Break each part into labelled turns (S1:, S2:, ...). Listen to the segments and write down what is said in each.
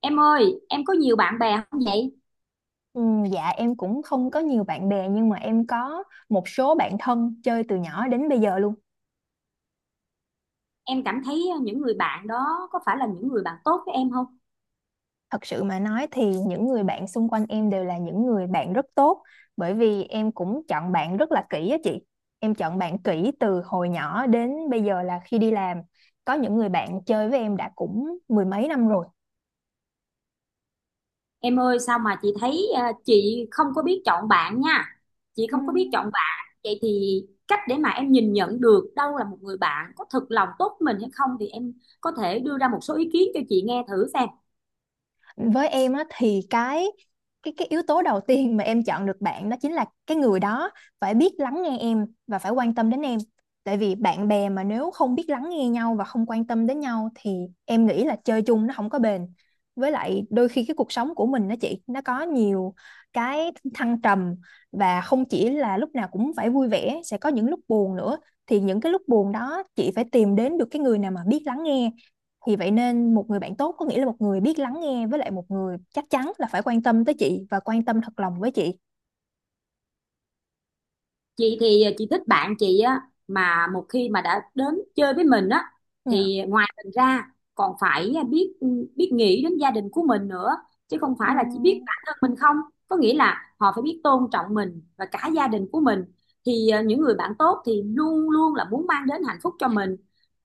S1: Em ơi, em có nhiều bạn bè không vậy?
S2: Ừ, dạ em cũng không có nhiều bạn bè nhưng mà em có một số bạn thân chơi từ nhỏ đến bây giờ luôn.
S1: Em cảm thấy những người bạn đó có phải là những người bạn tốt với em không?
S2: Thật sự mà nói thì những người bạn xung quanh em đều là những người bạn rất tốt, bởi vì em cũng chọn bạn rất là kỹ á chị. Em chọn bạn kỹ từ hồi nhỏ đến bây giờ là khi đi làm. Có những người bạn chơi với em đã cũng mười mấy năm rồi.
S1: Em ơi, sao mà chị thấy chị không có biết chọn bạn nha. Chị
S2: Ừ.
S1: không có biết chọn bạn. Vậy thì cách để mà em nhìn nhận được đâu là một người bạn có thực lòng tốt với mình hay không thì em có thể đưa ra một số ý kiến cho chị nghe thử xem.
S2: Với em á thì cái yếu tố đầu tiên mà em chọn được bạn đó chính là cái người đó phải biết lắng nghe em và phải quan tâm đến em. Tại vì bạn bè mà nếu không biết lắng nghe nhau và không quan tâm đến nhau thì em nghĩ là chơi chung nó không có bền. Với lại đôi khi cái cuộc sống của mình đó chị, nó có nhiều cái thăng trầm, và không chỉ là lúc nào cũng phải vui vẻ, sẽ có những lúc buồn nữa. Thì những cái lúc buồn đó chị phải tìm đến được cái người nào mà biết lắng nghe. Vì vậy nên một người bạn tốt có nghĩa là một người biết lắng nghe, với lại một người chắc chắn là phải quan tâm tới chị và quan tâm thật lòng với chị.
S1: Chị thì chị thích bạn chị á, mà một khi mà đã đến chơi với mình á
S2: Dạ.
S1: thì ngoài mình ra còn phải biết biết nghĩ đến gia đình của mình nữa, chứ không phải là chỉ biết
S2: Ừm,
S1: bản thân mình không. Có nghĩa là họ phải biết tôn trọng mình và cả gia đình của mình, thì những người bạn tốt thì luôn luôn là muốn mang đến hạnh phúc cho mình,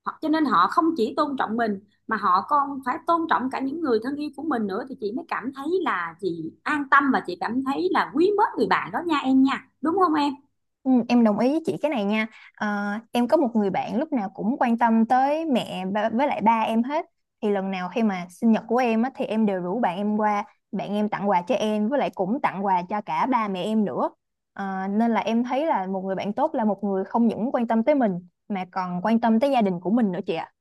S1: họ cho nên họ không chỉ tôn trọng mình mà họ còn phải tôn trọng cả những người thân yêu của mình nữa, thì chị mới cảm thấy là chị an tâm và chị cảm thấy là quý mến người bạn đó nha em, nha đúng không em?
S2: em đồng ý với chị cái này nha. Ờ, em có một người bạn lúc nào cũng quan tâm tới mẹ với lại ba em hết. Thì lần nào khi mà sinh nhật của em á, thì em đều rủ bạn em qua, bạn em tặng quà cho em với lại cũng tặng quà cho cả ba mẹ em nữa. Nên là em thấy là một người bạn tốt là một người không những quan tâm tới mình mà còn quan tâm tới gia đình của mình nữa chị ạ.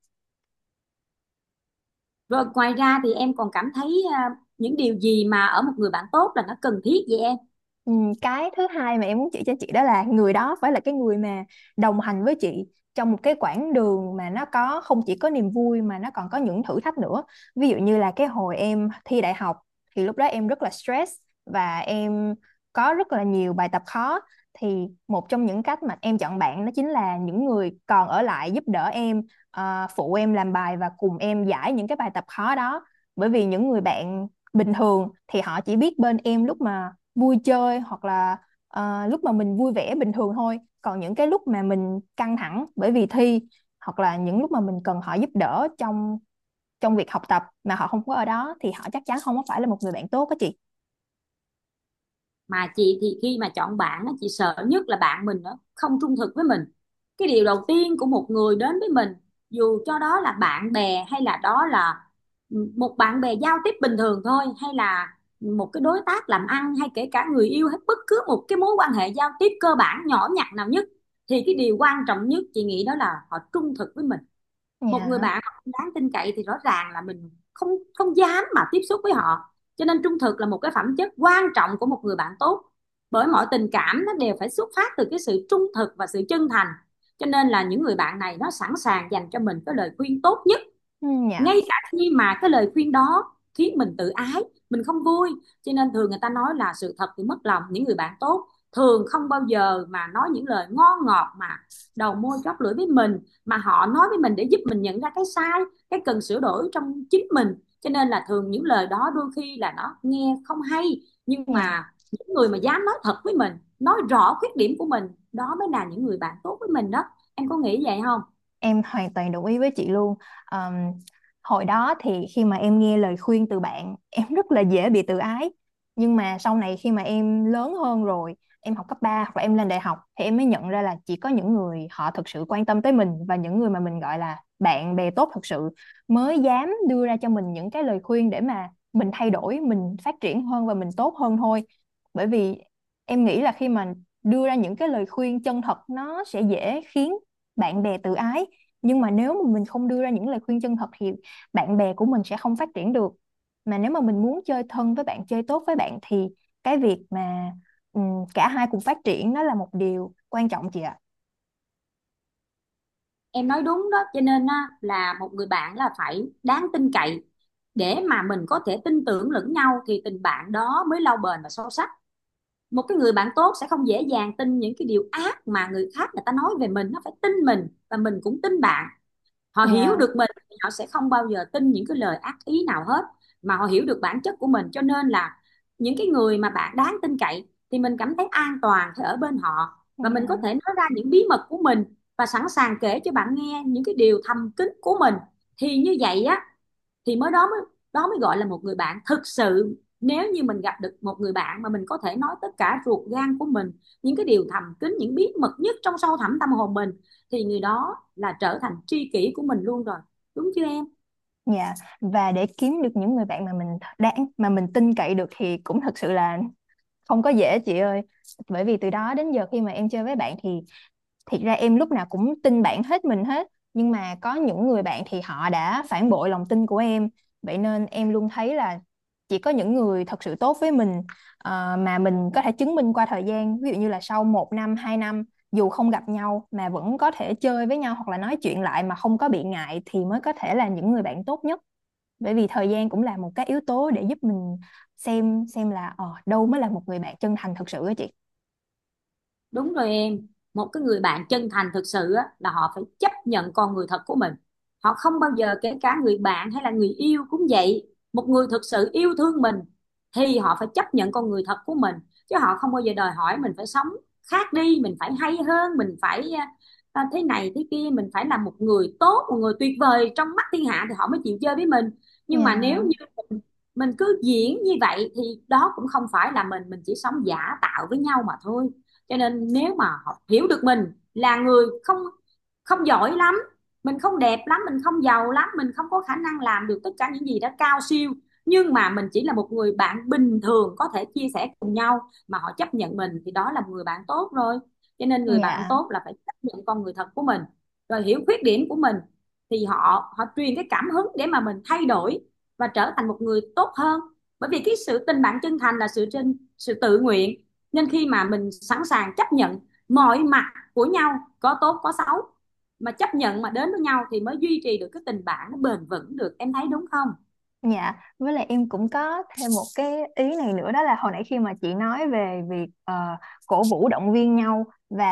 S1: Rồi ngoài ra thì em còn cảm thấy à, những điều gì mà ở một người bạn tốt là nó cần thiết vậy em?
S2: Ừ, cái thứ hai mà em muốn chỉ cho chị đó là người đó phải là cái người mà đồng hành với chị trong một cái quãng đường mà nó có không chỉ có niềm vui mà nó còn có những thử thách nữa. Ví dụ như là cái hồi em thi đại học thì lúc đó em rất là stress, và em có rất là nhiều bài tập khó. Thì một trong những cách mà em chọn bạn đó chính là những người còn ở lại giúp đỡ em, phụ em làm bài và cùng em giải những cái bài tập khó đó. Bởi vì những người bạn bình thường thì họ chỉ biết bên em lúc mà vui chơi, hoặc là lúc mà mình vui vẻ bình thường thôi. Còn những cái lúc mà mình căng thẳng bởi vì thi, hoặc là những lúc mà mình cần họ giúp đỡ trong trong việc học tập mà họ không có ở đó, thì họ chắc chắn không có phải là một người bạn tốt á chị.
S1: Mà chị thì khi mà chọn bạn á, chị sợ nhất là bạn mình nó không trung thực với mình. Cái điều đầu tiên của một người đến với mình, dù cho đó là bạn bè hay là đó là một bạn bè giao tiếp bình thường thôi, hay là một cái đối tác làm ăn, hay kể cả người yêu, hay bất cứ một cái mối quan hệ giao tiếp cơ bản nhỏ nhặt nào nhất, thì cái điều quan trọng nhất chị nghĩ đó là họ trung thực với mình. Một người
S2: Dạ.
S1: bạn mà không đáng tin cậy thì rõ ràng là mình không không dám mà tiếp xúc với họ, cho nên trung thực là một cái phẩm chất quan trọng của một người bạn tốt. Bởi mọi tình cảm nó đều phải xuất phát từ cái sự trung thực và sự chân thành, cho nên là những người bạn này nó sẵn sàng dành cho mình cái lời khuyên tốt nhất,
S2: Ừ, dạ,
S1: ngay cả khi mà cái lời khuyên đó khiến mình tự ái, mình không vui. Cho nên thường người ta nói là sự thật thì mất lòng. Những người bạn tốt thường không bao giờ mà nói những lời ngon ngọt mà đầu môi chóp lưỡi với mình, mà họ nói với mình để giúp mình nhận ra cái sai, cái cần sửa đổi trong chính mình. Cho nên là thường những lời đó đôi khi là nó nghe không hay, nhưng
S2: dạ.
S1: mà những người mà dám nói thật với mình, nói rõ khuyết điểm của mình, đó mới là những người bạn tốt với mình đó. Em có nghĩ vậy không?
S2: Em hoàn toàn đồng ý với chị luôn. Ờm, Hồi đó thì khi mà em nghe lời khuyên từ bạn, em rất là dễ bị tự ái. Nhưng mà sau này khi mà em lớn hơn rồi, em học cấp 3 hoặc là em lên đại học, thì em mới nhận ra là chỉ có những người họ thực sự quan tâm tới mình và những người mà mình gọi là bạn bè tốt thực sự mới dám đưa ra cho mình những cái lời khuyên để mà mình thay đổi, mình phát triển hơn và mình tốt hơn thôi. Bởi vì em nghĩ là khi mà đưa ra những cái lời khuyên chân thật nó sẽ dễ khiến bạn bè tự ái, nhưng mà nếu mà mình không đưa ra những lời khuyên chân thật thì bạn bè của mình sẽ không phát triển được. Mà nếu mà mình muốn chơi thân với bạn, chơi tốt với bạn, thì cái việc mà cả hai cùng phát triển nó là một điều quan trọng chị ạ.
S1: Em nói đúng đó, cho nên á, là một người bạn là phải đáng tin cậy để mà mình có thể tin tưởng lẫn nhau, thì tình bạn đó mới lâu bền và sâu sắc. Một cái người bạn tốt sẽ không dễ dàng tin những cái điều ác mà người khác người ta nói về mình, nó phải tin mình và mình cũng tin bạn. Họ hiểu
S2: Dạ,
S1: được mình thì họ sẽ không bao giờ tin những cái lời ác ý nào hết, mà họ hiểu được bản chất của mình. Cho nên là những cái người mà bạn đáng tin cậy thì mình cảm thấy an toàn khi ở bên họ, và mình có
S2: dạ,
S1: thể nói ra những bí mật của mình, và sẵn sàng kể cho bạn nghe những cái điều thầm kín của mình. Thì như vậy á, thì mới đó mới gọi là một người bạn thực sự. Nếu như mình gặp được một người bạn mà mình có thể nói tất cả ruột gan của mình, những cái điều thầm kín, những bí mật nhất trong sâu thẳm tâm hồn mình, thì người đó là trở thành tri kỷ của mình luôn rồi, đúng chưa em?
S2: dạ. Và để kiếm được những người bạn mà mình đáng mà mình tin cậy được thì cũng thật sự là không có dễ chị ơi. Bởi vì từ đó đến giờ khi mà em chơi với bạn thì thiệt ra em lúc nào cũng tin bạn hết mình hết, nhưng mà có những người bạn thì họ đã phản bội lòng tin của em. Vậy nên em luôn thấy là chỉ có những người thật sự tốt với mình, mà mình có thể chứng minh qua thời gian, ví dụ như là sau một năm hai năm dù không gặp nhau mà vẫn có thể chơi với nhau hoặc là nói chuyện lại mà không có bị ngại, thì mới có thể là những người bạn tốt nhất. Bởi vì thời gian cũng là một cái yếu tố để giúp mình xem là đâu mới là một người bạn chân thành thật sự á chị.
S1: Đúng rồi em, một cái người bạn chân thành thực sự á, là họ phải chấp nhận con người thật của mình. Họ không bao giờ, kể cả người bạn hay là người yêu cũng vậy. Một người thực sự yêu thương mình thì họ phải chấp nhận con người thật của mình. Chứ họ không bao giờ đòi hỏi mình phải sống khác đi, mình phải hay hơn, mình phải à, thế này thế kia, mình phải là một người tốt, một người tuyệt vời trong mắt thiên hạ thì họ mới chịu chơi với mình. Nhưng mà nếu
S2: Dạ.
S1: như mình cứ diễn như vậy thì đó cũng không phải là mình chỉ sống giả tạo với nhau mà thôi. Cho nên nếu mà họ hiểu được mình là người không không giỏi lắm, mình không đẹp lắm, mình không giàu lắm, mình không có khả năng làm được tất cả những gì đó cao siêu, nhưng mà mình chỉ là một người bạn bình thường có thể chia sẻ cùng nhau mà họ chấp nhận mình, thì đó là một người bạn tốt rồi. Cho nên người bạn
S2: Dạ.
S1: tốt là phải chấp nhận con người thật của mình, rồi hiểu khuyết điểm của mình, thì họ họ truyền cái cảm hứng để mà mình thay đổi và trở thành một người tốt hơn. Bởi vì cái sự tình bạn chân thành là sự sự tự nguyện. Nên khi mà mình sẵn sàng chấp nhận mọi mặt của nhau, có tốt có xấu, mà chấp nhận mà đến với nhau, thì mới duy trì được cái tình bạn nó bền vững được, em thấy đúng không?
S2: Dạ, với lại em cũng có thêm một cái ý này nữa, đó là hồi nãy khi mà chị nói về việc cổ vũ động viên nhau và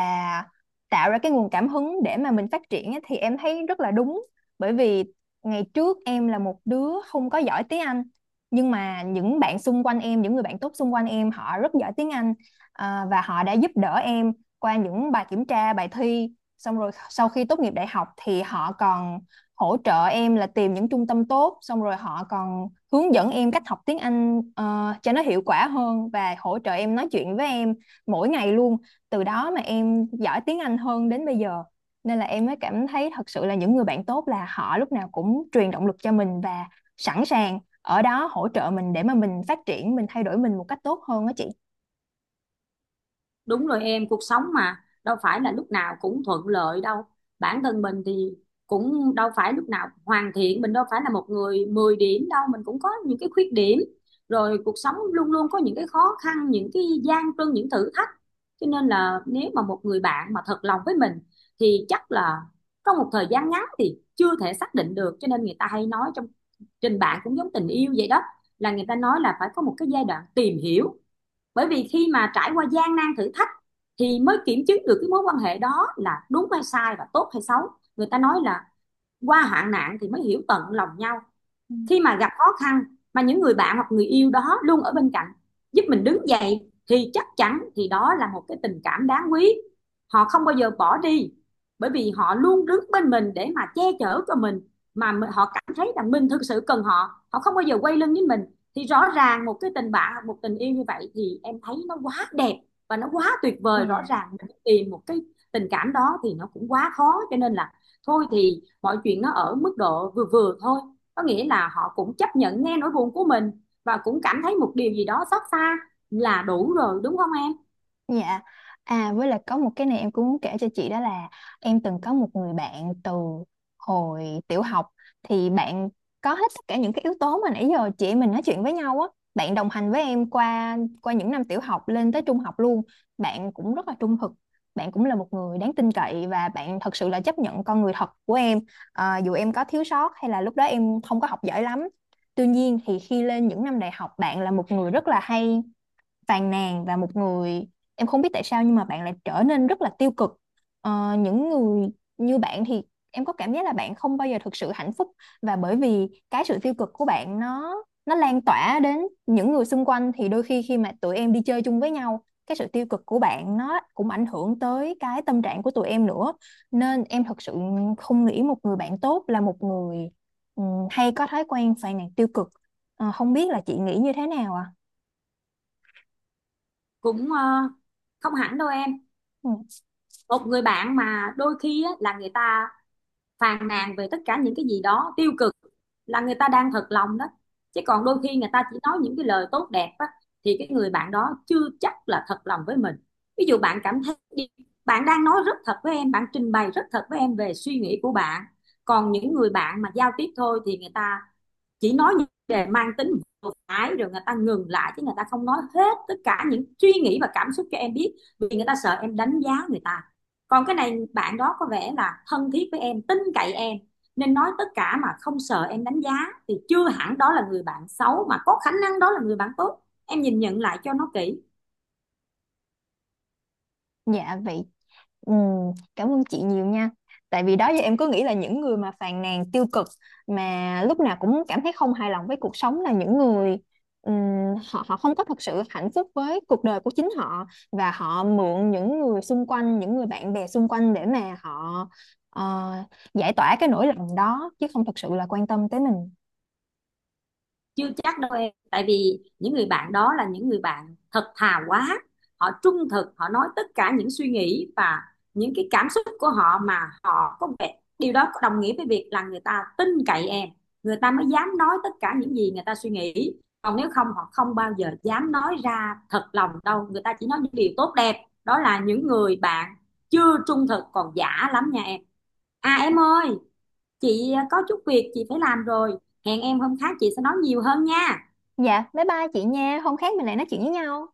S2: tạo ra cái nguồn cảm hứng để mà mình phát triển ấy, thì em thấy rất là đúng. Bởi vì ngày trước em là một đứa không có giỏi tiếng Anh, nhưng mà những bạn xung quanh em, những người bạn tốt xung quanh em họ rất giỏi tiếng Anh. Và họ đã giúp đỡ em qua những bài kiểm tra, bài thi. Xong rồi sau khi tốt nghiệp đại học thì họ còn hỗ trợ em là tìm những trung tâm tốt, xong rồi họ còn hướng dẫn em cách học tiếng Anh cho nó hiệu quả hơn, và hỗ trợ em nói chuyện với em mỗi ngày luôn. Từ đó mà em giỏi tiếng Anh hơn đến bây giờ. Nên là em mới cảm thấy thật sự là những người bạn tốt là họ lúc nào cũng truyền động lực cho mình và sẵn sàng ở đó hỗ trợ mình để mà mình phát triển mình, thay đổi mình một cách tốt hơn đó chị.
S1: Đúng rồi em, cuộc sống mà đâu phải là lúc nào cũng thuận lợi đâu. Bản thân mình thì cũng đâu phải lúc nào hoàn thiện, mình đâu phải là một người 10 điểm đâu, mình cũng có những cái khuyết điểm. Rồi cuộc sống luôn luôn có những cái khó khăn, những cái gian truân, những thử thách. Cho nên là nếu mà một người bạn mà thật lòng với mình thì chắc là trong một thời gian ngắn thì chưa thể xác định được. Cho nên người ta hay nói, trong tình bạn cũng giống tình yêu vậy đó, là người ta nói là phải có một cái giai đoạn tìm hiểu, bởi vì khi mà trải qua gian nan thử thách thì mới kiểm chứng được cái mối quan hệ đó là đúng hay sai và tốt hay xấu. Người ta nói là qua hạn nạn thì mới hiểu tận lòng nhau.
S2: Ừ.
S1: Khi mà gặp khó khăn mà những người bạn hoặc người yêu đó luôn ở bên cạnh giúp mình đứng dậy, thì chắc chắn thì đó là một cái tình cảm đáng quý. Họ không bao giờ bỏ đi, bởi vì họ luôn đứng bên mình để mà che chở cho mình, mà họ cảm thấy rằng mình thực sự cần họ, họ không bao giờ quay lưng với mình. Thì rõ ràng một cái tình bạn, một tình yêu như vậy thì em thấy nó quá đẹp và nó quá tuyệt vời. Rõ
S2: Dạ.
S1: ràng mình tìm một cái tình cảm đó thì nó cũng quá khó, cho nên là thôi thì mọi chuyện nó ở mức độ vừa vừa thôi, có nghĩa là họ cũng chấp nhận nghe nỗi buồn của mình và cũng cảm thấy một điều gì đó xót xa là đủ rồi, đúng không em?
S2: Dạ. À, với lại có một cái này em cũng muốn kể cho chị, đó là em từng có một người bạn từ hồi tiểu học. Thì bạn có hết tất cả những cái yếu tố mà nãy giờ chị em mình nói chuyện với nhau á. Bạn đồng hành với em qua qua những năm tiểu học lên tới trung học luôn. Bạn cũng rất là trung thực. Bạn cũng là một người đáng tin cậy và bạn thật sự là chấp nhận con người thật của em. À, dù em có thiếu sót hay là lúc đó em không có học giỏi lắm. Tuy nhiên thì khi lên những năm đại học bạn là một người rất là hay phàn nàn, và một người em không biết tại sao nhưng mà bạn lại trở nên rất là tiêu cực. Những người như bạn thì em có cảm giác là bạn không bao giờ thực sự hạnh phúc. Và bởi vì cái sự tiêu cực của bạn nó lan tỏa đến những người xung quanh, thì đôi khi khi mà tụi em đi chơi chung với nhau cái sự tiêu cực của bạn nó cũng ảnh hưởng tới cái tâm trạng của tụi em nữa. Nên em thật sự không nghĩ một người bạn tốt là một người ừ, hay có thói quen phàn nàn tiêu cực. Không biết là chị nghĩ như thế nào ạ?
S1: Cũng không hẳn đâu em.
S2: À?
S1: Một người bạn mà đôi khi á, là người ta phàn nàn về tất cả những cái gì đó tiêu cực, là người ta đang thật lòng đó. Chứ còn đôi khi người ta chỉ nói những cái lời tốt đẹp á, thì cái người bạn đó chưa chắc là thật lòng với mình. Ví dụ bạn cảm thấy, bạn đang nói rất thật với em, bạn trình bày rất thật với em về suy nghĩ của bạn. Còn những người bạn mà giao tiếp thôi thì người ta chỉ nói những đề mang tính vừa phải rồi người ta ngừng lại, chứ người ta không nói hết tất cả những suy nghĩ và cảm xúc cho em biết, vì người ta sợ em đánh giá người ta. Còn cái này bạn đó có vẻ là thân thiết với em, tin cậy em nên nói tất cả mà không sợ em đánh giá. Thì chưa hẳn đó là người bạn xấu, mà có khả năng đó là người bạn tốt, em nhìn nhận lại cho nó kỹ.
S2: Dạ vậy. Cảm ơn chị nhiều nha. Tại vì đó giờ em cứ nghĩ là những người mà phàn nàn tiêu cực, mà lúc nào cũng cảm thấy không hài lòng với cuộc sống là những người ừm, họ họ không có thật sự hạnh phúc với cuộc đời của chính họ, và họ mượn những người xung quanh, những người bạn bè xung quanh để mà họ ờ, giải tỏa cái nỗi lòng đó chứ không thật sự là quan tâm tới mình.
S1: Chưa chắc đâu em, tại vì những người bạn đó là những người bạn thật thà quá, họ trung thực, họ nói tất cả những suy nghĩ và những cái cảm xúc của họ, mà họ có vẻ điều đó đồng nghĩa với việc là người ta tin cậy em, người ta mới dám nói tất cả những gì người ta suy nghĩ. Còn nếu không họ không bao giờ dám nói ra thật lòng đâu, người ta chỉ nói những điều tốt đẹp. Đó là những người bạn chưa trung thực, còn giả lắm nha em. À em ơi, chị có chút việc chị phải làm rồi, hẹn em hôm khác chị sẽ nói nhiều hơn nha.
S2: Dạ, bye bye chị nha. Hôm khác mình lại nói chuyện với nhau.